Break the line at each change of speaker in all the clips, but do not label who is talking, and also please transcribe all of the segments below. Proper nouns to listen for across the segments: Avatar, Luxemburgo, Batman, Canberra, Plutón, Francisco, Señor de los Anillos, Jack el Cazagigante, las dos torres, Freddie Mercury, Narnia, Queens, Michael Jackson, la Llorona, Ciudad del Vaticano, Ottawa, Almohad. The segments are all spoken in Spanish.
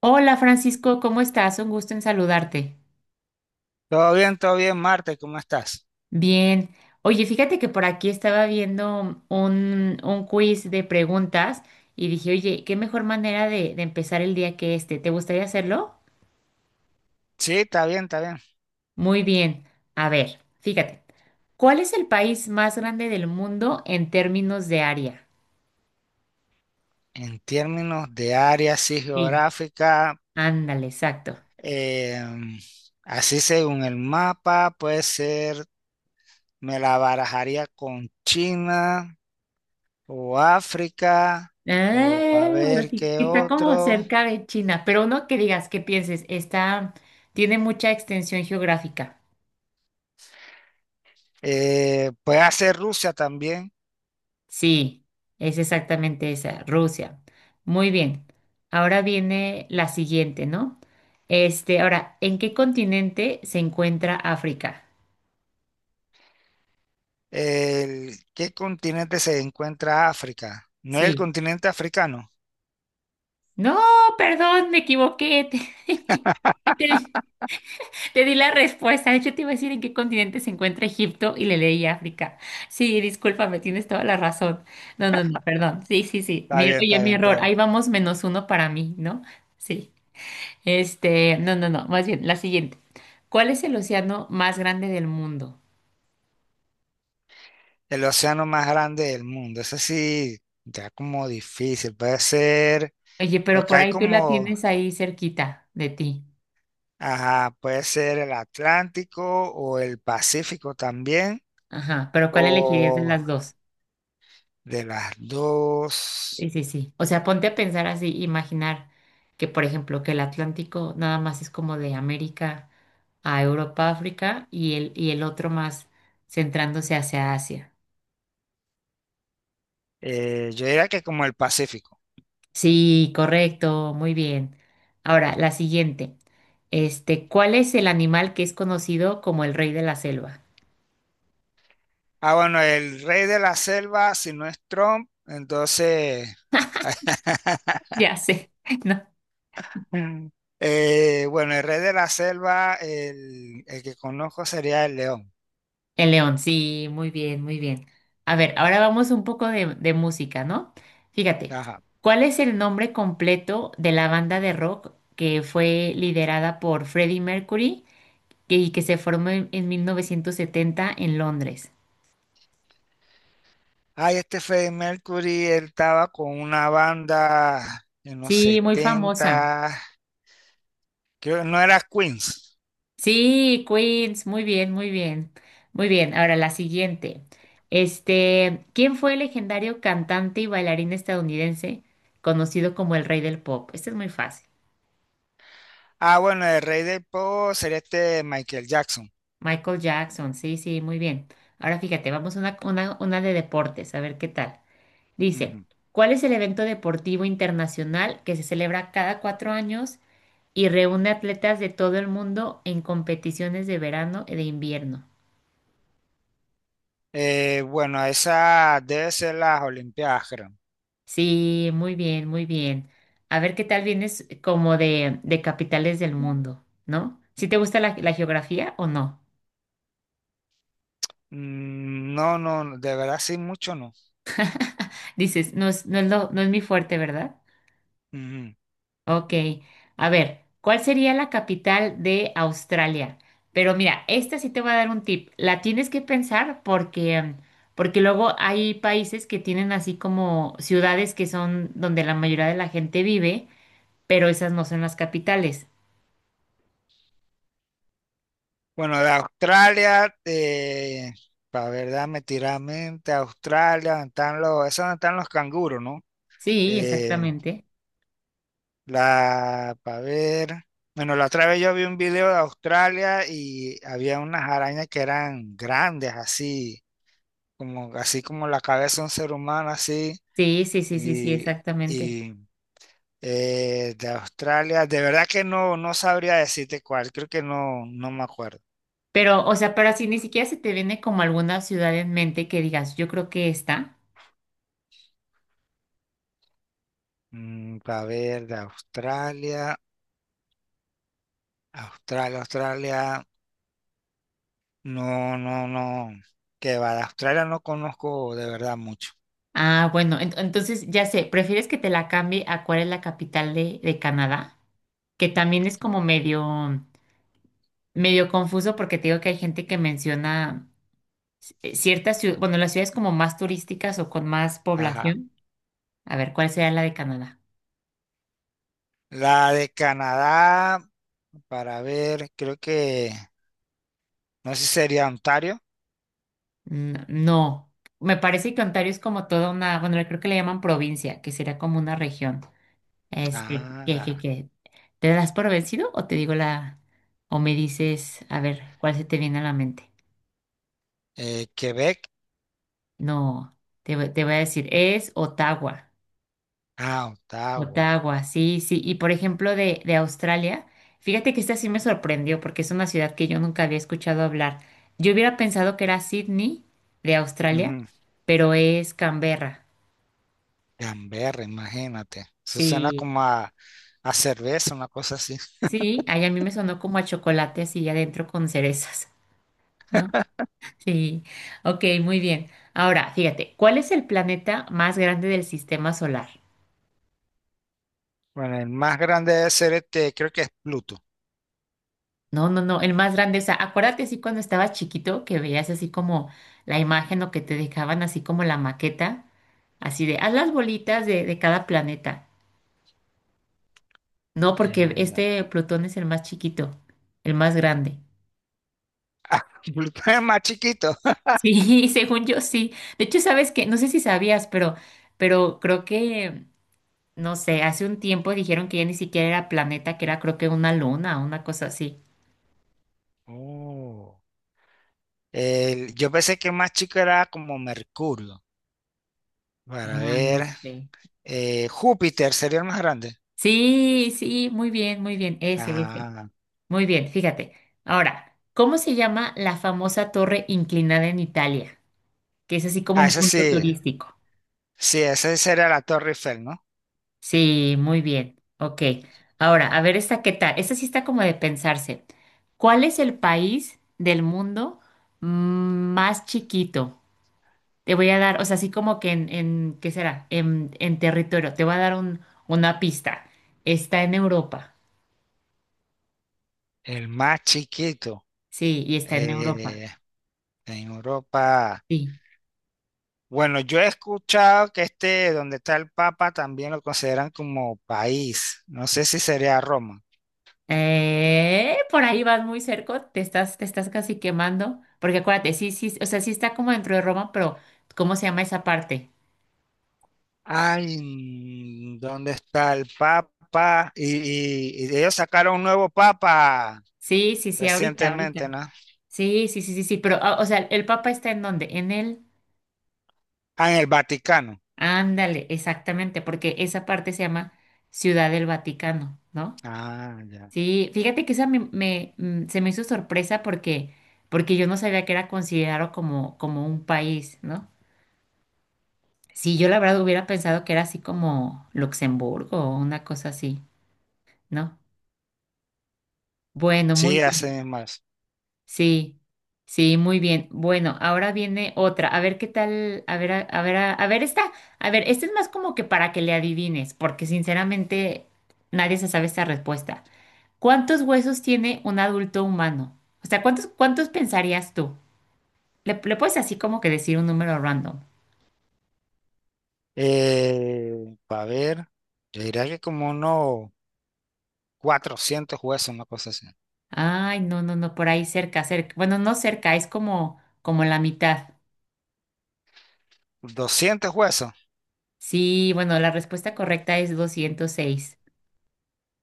Hola Francisco, ¿cómo estás? Un gusto en saludarte.
Todo bien, Marte, ¿cómo estás?
Bien. Oye, fíjate que por aquí estaba viendo un quiz de preguntas y dije, oye, qué mejor manera de empezar el día que este. ¿Te gustaría hacerlo?
Sí, está bien, está bien.
Muy bien. A ver, fíjate. ¿Cuál es el país más grande del mundo en términos de área?
En términos de área así
Sí.
geográfica,
Ándale, exacto.
em, así según el mapa, puede ser, me la barajaría con China o África o para
Ah, bueno,
ver
sí,
qué
que está como
otro.
cerca de China, pero no que digas que pienses, está, tiene mucha extensión geográfica.
Puede ser Rusia también.
Sí, es exactamente esa, Rusia. Muy bien. Ahora viene la siguiente, ¿no? Este, ahora, ¿en qué continente se encuentra África?
¿Qué continente se encuentra África? No es el
Sí.
continente africano.
No, perdón, me equivoqué. Te di te di la respuesta. De hecho, te iba a decir en qué continente se encuentra Egipto y le leí África. Sí, discúlpame, tienes toda la razón. No, no, no, perdón. Sí, sí, sí.
Está
Mi-
bien,
oye,
está
mi
bien,
error.
está bien.
Ahí vamos menos uno para mí, ¿no? Sí. Este, no, no, no, más bien, la siguiente. ¿Cuál es el océano más grande del mundo?
El océano más grande del mundo. Eso sí, ya como difícil. Puede ser,
Oye, pero
porque
por
hay
ahí tú la
como,
tienes ahí cerquita de ti.
ajá, puede ser el Atlántico o el Pacífico también,
Ajá, pero ¿cuál elegirías de
o
las dos?
de las dos.
Sí, sí, sí. O sea, ponte a pensar así, imaginar que, por ejemplo, que el Atlántico nada más es como de América a Europa, África y el otro más centrándose hacia Asia.
Yo diría que como el Pacífico.
Sí, correcto, muy bien. Ahora, la siguiente. Este, ¿cuál es el animal que es conocido como el rey de la selva?
Ah, bueno, el rey de la selva, si no es Trump, entonces,
Ya sé, ¿no?
bueno, el rey de la selva, el que conozco sería el león.
El león, sí, muy bien, muy bien. A ver, ahora vamos un poco de música, ¿no? Fíjate,
Ajá.
¿cuál es el nombre completo de la banda de rock que fue liderada por Freddie Mercury y que se formó en 1970 en Londres?
Ay, este Freddie Mercury, él estaba con una banda en los
Sí, muy famosa.
70, creo que no era Queens.
Sí, Queens, muy bien, muy bien, muy bien. Ahora la siguiente. Este, ¿quién fue el legendario cantante y bailarín estadounidense conocido como el rey del pop? Este es muy fácil.
Ah, bueno, el rey del pop sería este Michael Jackson.
Michael Jackson, sí, sí, muy bien. Ahora fíjate, vamos a una de deportes, a ver qué tal. Dice,
Ujú.
¿cuál es el evento deportivo internacional que se celebra cada 4 años y reúne atletas de todo el mundo en competiciones de verano y de invierno?
Bueno, esa debe ser las Olimpiadas, creo.
Sí, muy bien, muy bien. A ver qué tal vienes como de capitales del mundo, ¿no? ¿Sí te gusta la geografía o no?
Mm, no, no, de verdad sí, mucho no.
Dices, no es, no es lo- no es mi fuerte, ¿verdad?
Ujú.
Ok. A ver, ¿cuál sería la capital de Australia? Pero mira, esta sí te voy a dar un tip. La tienes que pensar porque, porque luego hay países que tienen así como ciudades que son donde la mayoría de la gente vive, pero esas no son las capitales.
Bueno, de Australia, para verdad, me tiramente, Australia, donde están los, eso están los canguros, ¿no?
Sí,
Eh,
exactamente.
La, para ver. Bueno, la otra vez yo vi un video de Australia y había unas arañas que eran grandes, así como la cabeza de un ser humano, así.
Sí, sí, sí, sí, sí,
Y,
exactamente.
y de Australia, de verdad que no, no sabría decirte cuál, creo que no, no me acuerdo.
Pero, o sea, pero así ni siquiera se te viene como alguna ciudad en mente que digas, yo creo que esta.
Mm, para ver, de Australia, Australia, Australia, no, no, no. Que va, de Australia no conozco de verdad mucho.
Ah, bueno, entonces ya sé, ¿prefieres que te la cambie a cuál es la capital de Canadá? Que también es como medio, medio confuso porque te digo que hay gente que menciona ciertas ciudades, bueno, las ciudades como más turísticas o con más
Ajá.
población. A ver, ¿cuál sería la de Canadá?
La de Canadá. Para ver, creo que, no sé si sería Ontario.
No, no. Me parece que Ontario es como toda una, bueno, creo que le llaman provincia, que sería como una región. Este, ¿qué, qué,
Ah,
qué? ¿Te das por vencido o te digo la, o me dices, a ver, cuál se te viene a la mente?
Quebec.
No, te voy a decir, es Ottawa.
Ah, Ottawa.
Ottawa, sí, sí. Y por ejemplo, de Australia, fíjate que esta sí me sorprendió porque es una ciudad que yo nunca había escuchado hablar. Yo hubiera pensado que era Sydney de Australia,
Ujú.
pero es Canberra.
Canberra, imagínate. Eso suena
Sí,
como a cerveza, una cosa así.
sí, ahí a mí me sonó como a chocolate así adentro con cerezas, ¿no? Sí, ok, muy bien. Ahora, fíjate, ¿cuál es el planeta más grande del sistema solar?
Bueno, el más grande debe ser este, creo que es Pluto.
No, no, no, el más grande. O sea, acuérdate así cuando estabas chiquito que veías así como la imagen o que te dejaban así como la maqueta, así de, haz las bolitas de cada planeta. No, porque
Eh,
este Plutón es el más chiquito, el más grande.
Pluto es más chiquito.
Sí, según yo sí. De hecho, sabes que, no sé si sabías, pero creo que no sé, hace un tiempo dijeron que ya ni siquiera era planeta, que era creo que una luna, una cosa así.
Oh. Yo pensé que el más chico era como Mercurio. Para
Ah,
ver,
no sé.
Júpiter sería el más grande.
Sí, sí, muy bien, ese, ese.
Ah,
Muy bien, fíjate. Ahora, ¿cómo se llama la famosa torre inclinada en Italia? Que es así como
ah,
un
ese
punto
sí.
turístico.
Sí, ese sería la Torre Eiffel, ¿no?
Sí, muy bien, ok. Ahora, a ver esta, ¿qué tal? Esta sí está como de pensarse. ¿Cuál es el país del mundo mm, más chiquito? Te voy a dar, o sea, así como que en ¿qué será? En territorio, te voy a dar un, una pista. Está en Europa.
El más chiquito,
Sí, y está en Europa.
eh, en Europa.
Sí.
Bueno, yo he escuchado que este, donde está el Papa, también lo consideran como país. No sé si sería Roma.
Por ahí vas muy cerca, te estás casi quemando. Porque acuérdate, sí, sí, o sea, sí está como dentro de Roma, pero ¿cómo se llama esa parte?
Ay, ¿dónde está el Papa? Y, y ellos sacaron un nuevo Papa
Sí, sí, sí, ahorita,
recientemente,
ahorita.
¿no?
Sí, sí, sí, sí, sí, pero, ah, o sea, ¿el Papa está en dónde? En el,
Ah, en el Vaticano.
ándale, exactamente, porque esa parte se llama Ciudad del Vaticano, ¿no?
Ah, ya.
Sí, fíjate que esa se me hizo sorpresa porque, porque yo no sabía que era considerado como, como un país, ¿no? Sí, yo la verdad hubiera pensado que era así como Luxemburgo o una cosa así, ¿no? Bueno, muy
Sí,
bien.
hace más.
Sí, sí, muy bien. Bueno, ahora viene otra. A ver qué tal, a ver, a ver, a ver esta. A ver, esta es más como que para que le adivines, porque sinceramente nadie se sabe esta respuesta. ¿Cuántos huesos tiene un adulto humano? O sea, ¿cuántos, cuántos pensarías tú? Le puedes así como que decir un número random.
A ver, yo diría que como unos 400 huesos, una cosa así.
Ay, no, no, no, por ahí cerca, cerca. Bueno, no cerca, es como, como la mitad.
200 huesos.
Sí, bueno, la respuesta correcta es 206.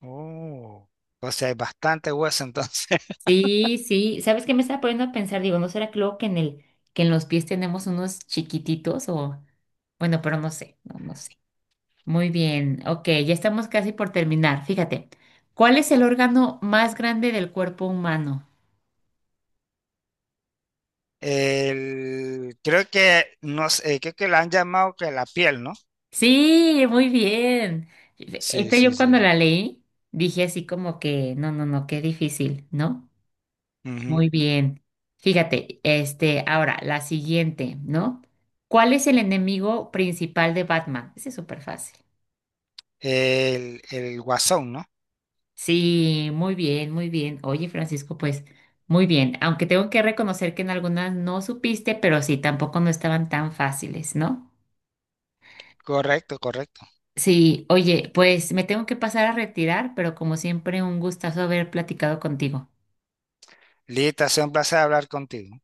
Oh, o sea, hay bastante hueso entonces.
Sí, sí. ¿Sabes qué me estaba poniendo a pensar? Digo, ¿no será que luego que en el, que en los pies tenemos unos chiquititos o, bueno, pero no sé, no, no sé. Muy bien, ok, ya estamos casi por terminar. Fíjate, ¿cuál es el órgano más grande del cuerpo humano?
El, creo que no sé, creo que la han llamado que la piel, ¿no?
Sí, muy bien.
Sí,
Esta
sí,
yo
sí.
cuando la leí dije así como que, no, no, no, qué difícil, ¿no?
Ujú.
Muy bien. Fíjate, este, ahora, la siguiente, ¿no? ¿Cuál es el enemigo principal de Batman? Ese es súper fácil.
El guasón, ¿no?
Sí, muy bien, muy bien. Oye, Francisco, pues, muy bien. Aunque tengo que reconocer que en algunas no supiste, pero sí, tampoco no estaban tan fáciles, ¿no?
Correcto, correcto.
Sí, oye, pues me tengo que pasar a retirar, pero como siempre, un gustazo haber platicado contigo.
Lita, ha sido un placer hablar contigo.